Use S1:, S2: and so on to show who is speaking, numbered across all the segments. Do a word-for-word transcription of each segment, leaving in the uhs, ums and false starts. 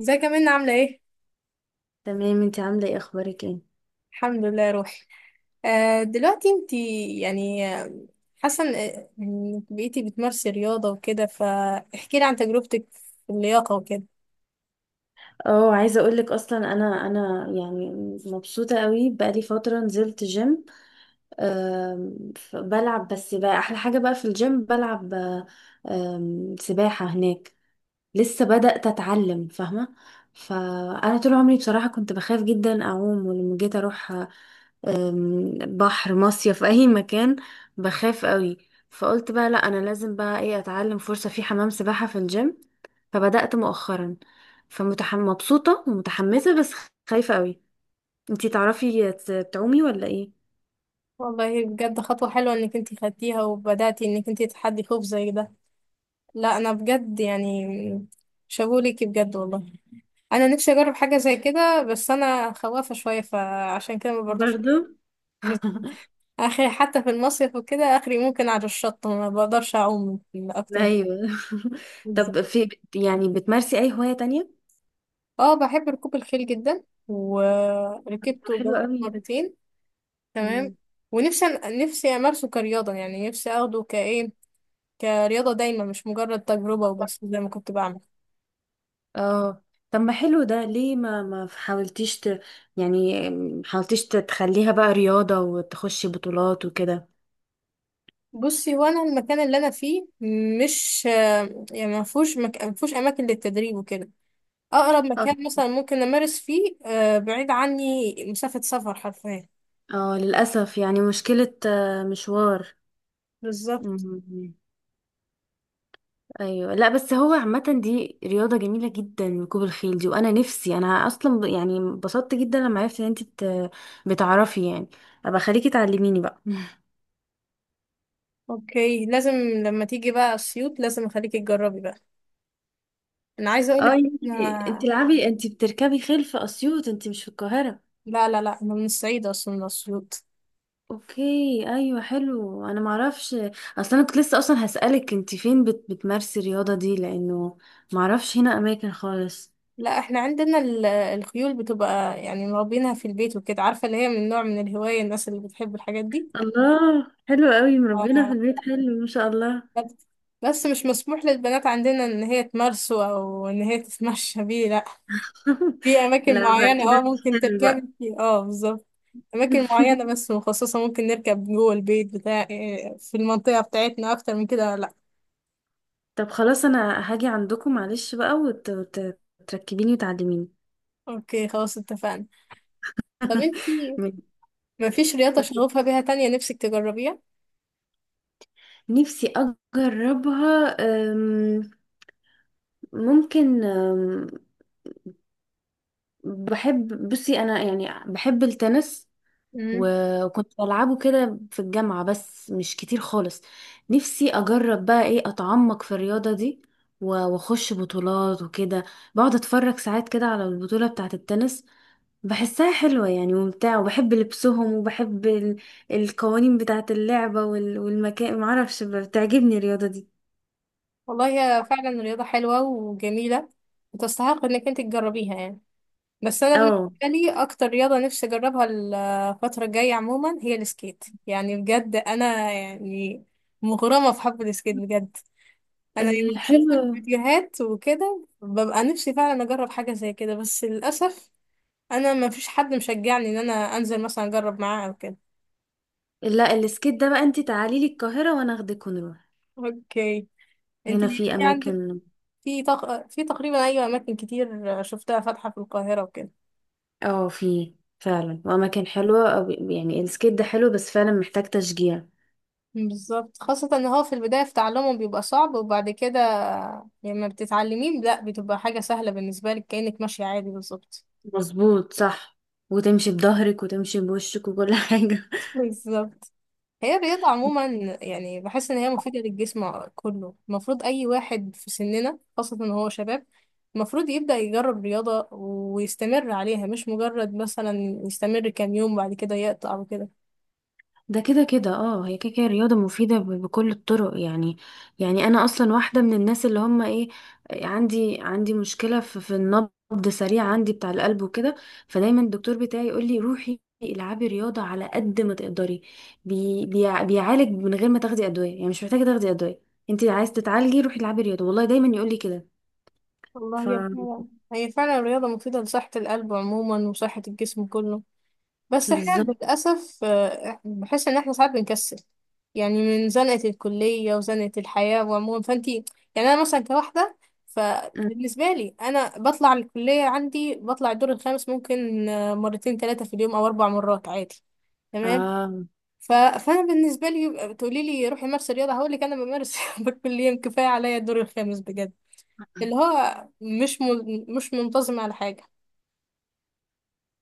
S1: ازيك يا منى، عاملة ايه؟
S2: تمام، انت عامله ايه؟ اخبارك ايه؟
S1: الحمد لله يا روحي. آه دلوقتي انتي، يعني آه، حاسة ان آه، إنك بقيتي بتمارسي رياضة وكده، فاحكي لي عن تجربتك في اللياقة وكده.
S2: اه، عايزه اقول لك اصلا انا انا يعني مبسوطه قوي، بقالي فتره نزلت جيم. آم، ف- بلعب، بس بقى احلى حاجه بقى في الجيم بلعب آم، سباحه هناك. لسه بدأت اتعلم، فاهمه؟ فانا طول عمري بصراحه كنت بخاف جدا اعوم، ولما جيت اروح آم، بحر، مصيف، اي مكان، بخاف قوي. فقلت بقى لا، انا لازم بقى ايه، اتعلم، فرصه في حمام سباحه في الجيم. فبدأت مؤخرا. فمتح... مبسوطة ومتحمسة، بس خايفة قوي. انتي تعرفي ت- تعومي ولا ايه؟
S1: والله بجد خطوة حلوة انك انتي خدتيها وبدأتي انك انتي تتحدي خوف زي ده. لا انا بجد يعني شابوه ليكي بجد والله. انا نفسي اجرب حاجة زي كده، بس انا خوافة شوية فعشان كده ما برضاش.
S2: برضو.
S1: اخي حتى في المصيف وكده اخري ممكن على الشط ما بقدرش اعوم اكتر.
S2: ايوه. طب في يعني بتمارسي اي هواية تانية؟
S1: اه بحب ركوب الخيل جدا، وركبته
S2: حلو
S1: جربت
S2: قوي.
S1: مرتين. تمام.
S2: مم.
S1: ونفسي نفسي امارسه كرياضة، يعني نفسي اخده كايه، كرياضة دايما، مش مجرد تجربة وبس زي ما كنت بعمل.
S2: اه، طب ما حلو ده، ليه ما ما حاولتيش ت... يعني ما حاولتيش تخليها بقى رياضة وتخشي بطولات وكده.
S1: بصي، هو انا المكان اللي انا فيه مش آه، يعني ما فيهوش مك... ما فيهوش اماكن للتدريب وكده. اقرب
S2: آه.
S1: مكان مثلا ممكن امارس فيه آه، بعيد عني مسافة سفر حرفيا.
S2: اه، للأسف يعني مشكلة، آه، مشوار.
S1: بالظبط.
S2: مم. ايوه، لا بس هو عامة دي رياضة جميلة جدا ركوب الخيل دي، وانا نفسي انا اصلا ب- يعني انبسطت جدا لما عرفت ان انت بت... بتعرفي يعني، ابقى خليكي تعلميني بقى.
S1: اوكي، لازم لما تيجي بقى اسيوط لازم اخليكي تجربي بقى. انا عايزه
S2: اه،
S1: اقولك.
S2: انت انت العبي، انت بتركبي خيل في اسيوط، انت مش في القاهرة؟
S1: لا لا لا، انا من الصعيد اصلا، من اسيوط.
S2: اوكي. ايوه، حلو، انا معرفش. اصلا انا كنت لسه اصلا هسألك انت فين بت... بتمارسي الرياضة دي، لانه معرفش هنا اماكن خالص.
S1: لا احنا عندنا ال- الخيول بتبقى يعني مربينها في البيت وكده، عارفة، اللي هي من نوع من الهواية الناس اللي بتحب الحاجات دي.
S2: الله، حلو قوي، مربينا في
S1: آه،
S2: البيت، حلو ما شاء الله.
S1: بس، بس مش مسموح للبنات عندنا ان هي تمارسه او ان هي تتمشى بيه، لا. في اماكن
S2: لا بقى
S1: معينة اه
S2: كده
S1: ممكن
S2: حلو بقى.
S1: تركبي فيه، اه بالظبط. اماكن معينة بس مخصصة، ممكن نركب جوه البيت بتاع آه، في المنطقة بتاعتنا، اكتر من كده لا.
S2: طب خلاص، انا هاجي عندكم معلش بقى وتركبيني وتعلميني.
S1: اوكي خلاص اتفقنا. طب انتي،
S2: من-
S1: مفيش رياضة شغوفة بيها تانية نفسك تجربيها؟
S2: نفسي اجربها. أم، ممكن. أم، بحب بصي انا، يعني بحب التنس، و- وكنت بلعبه كده في الجامعة، بس مش كتير خالص. نفسي اجرب بقى ايه، اتعمق في الرياضة دي، و- واخش بطولات وكده. بقعد اتفرج ساعات كده على البطولة بتاعة التنس. بحسها حلوة، يعني ممتعة، وبحب لبسهم، وبحب ال... القوانين بتاعة اللعبة وال... والمكان، معرفش، ب- بتعجبني الرياضة دي.
S1: والله هي فعلا رياضة حلوة وجميلة، وتستحق انك انت تجربيها يعني. بس انا بالنسبة
S2: اه.
S1: لي اكتر رياضة نفسي اجربها الفترة الجاية عموما هي السكيت، يعني بجد انا يعني مغرمة في حب السكيت بجد. انا لما بشوف
S2: الحلو.
S1: الفيديوهات وكده ببقى نفسي فعلا اجرب حاجة زي كده، بس للأسف انا ما فيش حد مشجعني ان انا انزل مثلا اجرب معاه او كده.
S2: لا، السكيت ده بقى انتي تعالي لي القاهرة وانا اخدك ونروح،
S1: اوكي. انت
S2: هنا في
S1: عندك
S2: اماكن.
S1: في تق... في تقريبا، ايوه، اماكن كتير شفتها فاتحة في القاهرة وكده.
S2: اه في، فعلا، واماكن حلوة، أو يعني السكيت ده حلو بس فعلا محتاج تشجيع.
S1: بالظبط، خاصة ان هو في البداية في تعلمه بيبقى صعب، وبعد كده لما بتتعلميه لا بتبقى حاجة سهلة بالنسبة لك، كأنك ماشية عادي بالظبط.
S2: مظبوط صح، وتمشي بظهرك وتمشي بوشك وكل حاجة.
S1: بالظبط. هي الرياضة عموما يعني بحس ان هي مفيدة للجسم كله. المفروض اي واحد في سننا، خاصة ان هو شباب، المفروض يبدأ يجرب رياضة ويستمر عليها، مش مجرد مثلا يستمر كام يوم بعد كده يقطع وكده.
S2: ده كده كده، اه هي كده كده رياضة مفيدة ب- بكل الطرق يعني. يعني انا اصلا واحدة من الناس اللي هم ايه، عندي عندي مشكلة في, في النبض سريع عندي بتاع القلب وكده. فدايما الدكتور بتاعي يقول لي روحي العبي رياضة على قد ما تقدري. بي بيع- بيعالج من غير ما تاخدي ادوية، يعني مش محتاجة تاخدي ادوية. انت عايز تتعالجي؟ روحي العبي رياضة، والله دايما يقول لي كده.
S1: والله
S2: ف
S1: هي فعلا هي فعلا الرياضة مفيدة لصحة القلب عموما وصحة الجسم كله. بس احنا
S2: بالظبط.
S1: للأسف آه، بحس ان احنا ساعات بنكسل، يعني من زنقة الكلية وزنقة الحياة وعموما. فانتي يعني، انا مثلا كواحدة، فبالنسبة لي انا بطلع الكلية، عندي بطلع الدور الخامس ممكن آه، مرتين ثلاثة في اليوم او اربع مرات عادي. تمام.
S2: اه،
S1: ف... فانا بالنسبة لي تقولي لي روحي مارسي رياضة، هقول لك انا بمارس بالكلية، كفاية عليا الدور الخامس بجد. اللي هو مش م... مش منتظم على حاجة.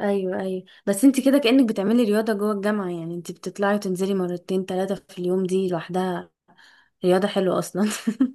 S2: ايوه، ايوه، بس انت كده كأنك بتعملي رياضة جوه الجامعة، يعني انت بتطلعي تنزلي مرتين ثلاثة في اليوم دي لوحدها، رياضة حلوة اصلا.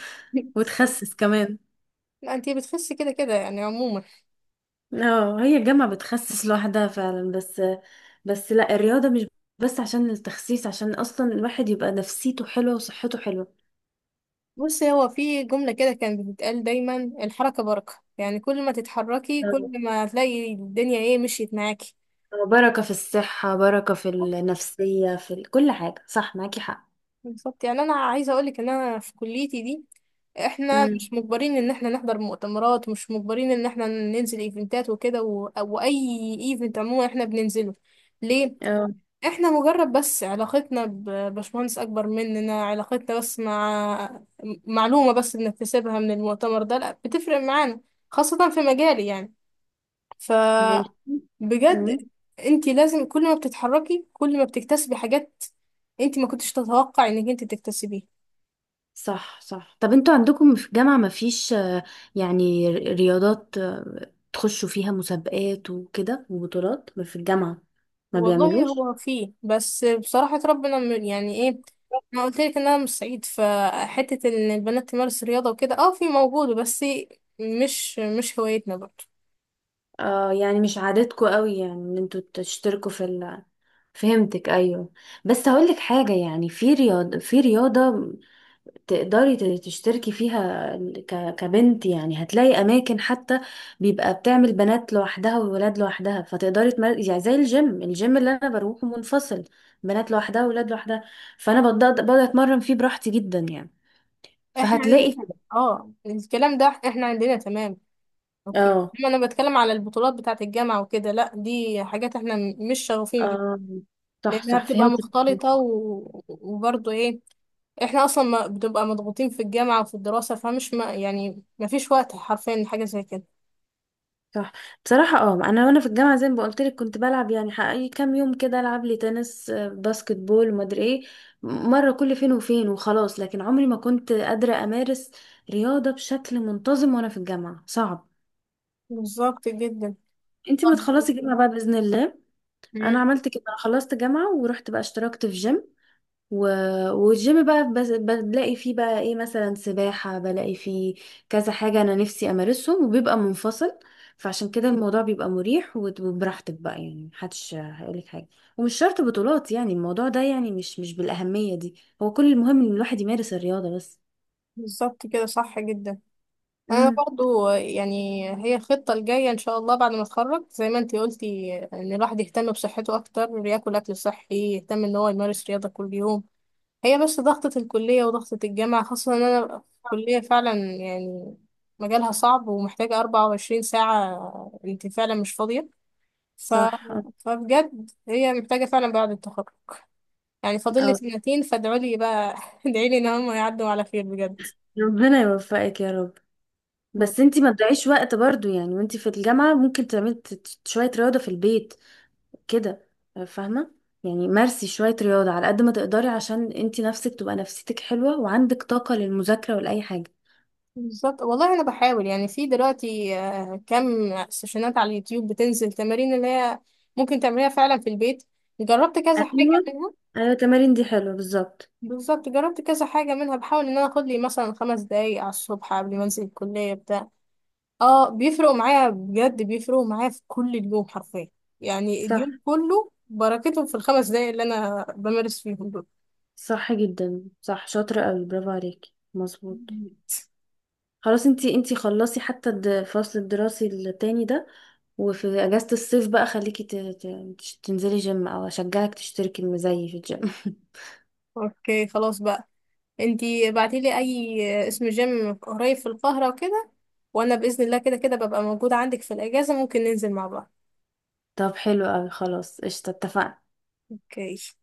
S1: بالظبط.
S2: وتخسس كمان.
S1: لا انتي بتخسي كده كده يعني عموما.
S2: اه، هي الجامعة بتخسس لوحدها فعلا بس. بس لا الرياضة مش. بس عشان التخسيس، عشان اصلا الواحد يبقى نفسيته حلوة وصحته حلوة.
S1: بص، هو في جملة كده كانت بتتقال دايما: الحركة بركة. يعني كل ما تتحركي
S2: آه،
S1: كل ما هتلاقي الدنيا ايه مشيت معاكي.
S2: آه، بركة في الصحة، بركة في النفسية، في ال- كل حاجة، صح معاكي حق.
S1: بالظبط. يعني انا عايزة اقولك ان انا في كليتي دي، احنا مش
S2: امم.
S1: مجبرين ان احنا نحضر مؤتمرات، ومش مجبرين ان احنا ننزل ايفنتات وكده و... او اي ايفنت عموما احنا بننزله. ليه؟
S2: اه.
S1: احنا مجرد بس علاقتنا بباشمهندس اكبر مننا، علاقتنا بس مع معلومة بس بنكتسبها من المؤتمر ده، لا بتفرق معانا. خاصة في مجالي يعني. ف
S2: ماشي.
S1: بجد، انت لازم كل ما بتتحركي كل ما بتكتسبي حاجات انت ما كنتش تتوقع انك انت تكتسبيه.
S2: صح، صح، طب انتوا عندكم في الجامعة مفيش آه، يعني ر- رياضات آه، تخشوا فيها مسابقات وكده وبطولات في الجامعة؟ ما
S1: والله
S2: بيعملوش؟
S1: هو فيه، بس بصراحة ربنا م- يعني ايه، انا قلت لك ان انا مش سعيد فحتة ان البنات تمارس رياضة وكده. اه في موجود، بس مش مش هوايتنا برضه.
S2: اه، يعني مش عادتكم قوي، يعني ان انتوا تشتركوا في ال... فهمتك، ايوه. بس هقول لك حاجة، يعني في رياضة في رياضة تقدري ت- تشتركي فيها، ك- كبنت يعني، هتلاقي اماكن حتى بيبقى بتعمل بنات لوحدها وولاد لوحدها، فتقدري تمر... يعني زي الجيم الجيم اللي انا بروحه منفصل، بنات لوحدها وولاد لوحدها، فانا بقدر بقدر اتمرن فيه براحتي جدا يعني.
S1: احنا
S2: فهتلاقي.
S1: عندنا اه الكلام ده احنا عندنا تمام. اوكي.
S2: اه.
S1: لما انا بتكلم على البطولات بتاعة الجامعة وكده لا، دي حاجات احنا م- مش شغوفين بيها،
S2: اه، صح،
S1: لانها
S2: صح،
S1: بتبقى
S2: فهمت.
S1: مختلطه و... وبرضه ايه، احنا اصلا ما بنبقى مضغوطين في الجامعه وفي الدراسه، فمش، ما يعني، ما فيش وقت حرفيا لحاجه زي كده.
S2: صح، بصراحة، اه، انا وانا في الجامعة زي ما قلت لك كنت بلعب يعني حقيقي، كام يوم كده العب لي تنس، آه، باسكت بول ومدري ايه، مرة كل فين وفين وخلاص، لكن عمري ما كنت قادرة امارس رياضة بشكل منتظم وانا في الجامعة صعب.
S1: بالظبط جدا.
S2: انتي ما
S1: طب.
S2: تخلصي جامعة بقى بإذن الله.
S1: مم.
S2: انا عملت كده، انا خلصت جامعة ورحت بقى اشتركت في جيم و... والجيم بقى بس بلاقي فيه بقى ايه مثلا سباحة، بلاقي فيه كذا حاجة انا نفسي امارسهم، وبيبقى منفصل. فعشان كده الموضوع بيبقى مريح وت- وبراحتك بقى يعني، محدش هيقولك حاجة، ومش شرط بطولات، يعني الموضوع ده يعني مش مش بالأهمية دي. هو كل المهم ان الواحد يمارس الرياضة بس.
S1: بالظبط، كده صح جدا. انا
S2: امم.
S1: برضو يعني هي الخطه الجايه ان شاء الله بعد ما اتخرج، زي ما انتي قلتي، ان الواحد يهتم بصحته اكتر، ياكل اكل صحي، يهتم ان هو يمارس رياضه كل يوم. هي بس ضغطة الكلية وضغطة الجامعة، خاصة إن أنا في الكلية فعلا يعني مجالها صعب ومحتاجة أربعة وعشرين ساعة، أنت فعلا مش فاضية. ف...
S2: صح. اه.
S1: فبجد هي محتاجة فعلا بعد التخرج. يعني فاضل لي
S2: آه.
S1: سنتين، فادعولي بقى ادعيلي إن هم يعدوا على خير بجد.
S2: ربنا يوفقك يا رب. بس انتي ما تضيعيش وقت برضو، يعني وانتي في الجامعة ممكن تعملي ت- ت- شوية رياضة في البيت كده، فاهمة؟ يعني مارسي شوية رياضة على قد ما تقدري عشان انتي نفسك تبقى نفسيتك حلوة، وعندك طاقة للمذاكرة ولأي حاجة.
S1: بالظبط. والله أنا بحاول يعني، في دلوقتي آه، كم سيشنات على اليوتيوب بتنزل تمارين اللي هي ممكن تعمليها فعلا في البيت. جربت كذا حاجة.
S2: ايوه، ايوه، التمارين دي حلوة بالظبط.
S1: بالظبط، جربت كذا حاجة منها، بحاول ان انا اخد لي مثلا خمس دقايق على الصبح قبل ما انزل الكلية بتاع. اه بيفرقوا معايا بجد، بيفرقوا معايا في كل اليوم حرفيا. يعني
S2: صح،
S1: اليوم كله بركتهم في الخمس دقايق اللي انا بمارس فيهم دول.
S2: صح جدا، صح، شاطرة قوي، برافو عليكي، مظبوط. خلاص، انتي انتي خلصي حتى الد- الفصل الدراسي التاني ده، وفي اجازة الصيف بقى خليكي ت- ت- تش- تنزلي جيم او اشجعك تشتركي المزي في الجيم.
S1: اوكي خلاص بقى. انتي بعتيلي اي اسم جيم قريب في القاهرة وكده، وانا بإذن الله كده كده ببقى موجودة عندك في الاجازة، ممكن ننزل مع بعض.
S2: طب حلو قوي خلاص قشطة اتفقنا.
S1: اوكي.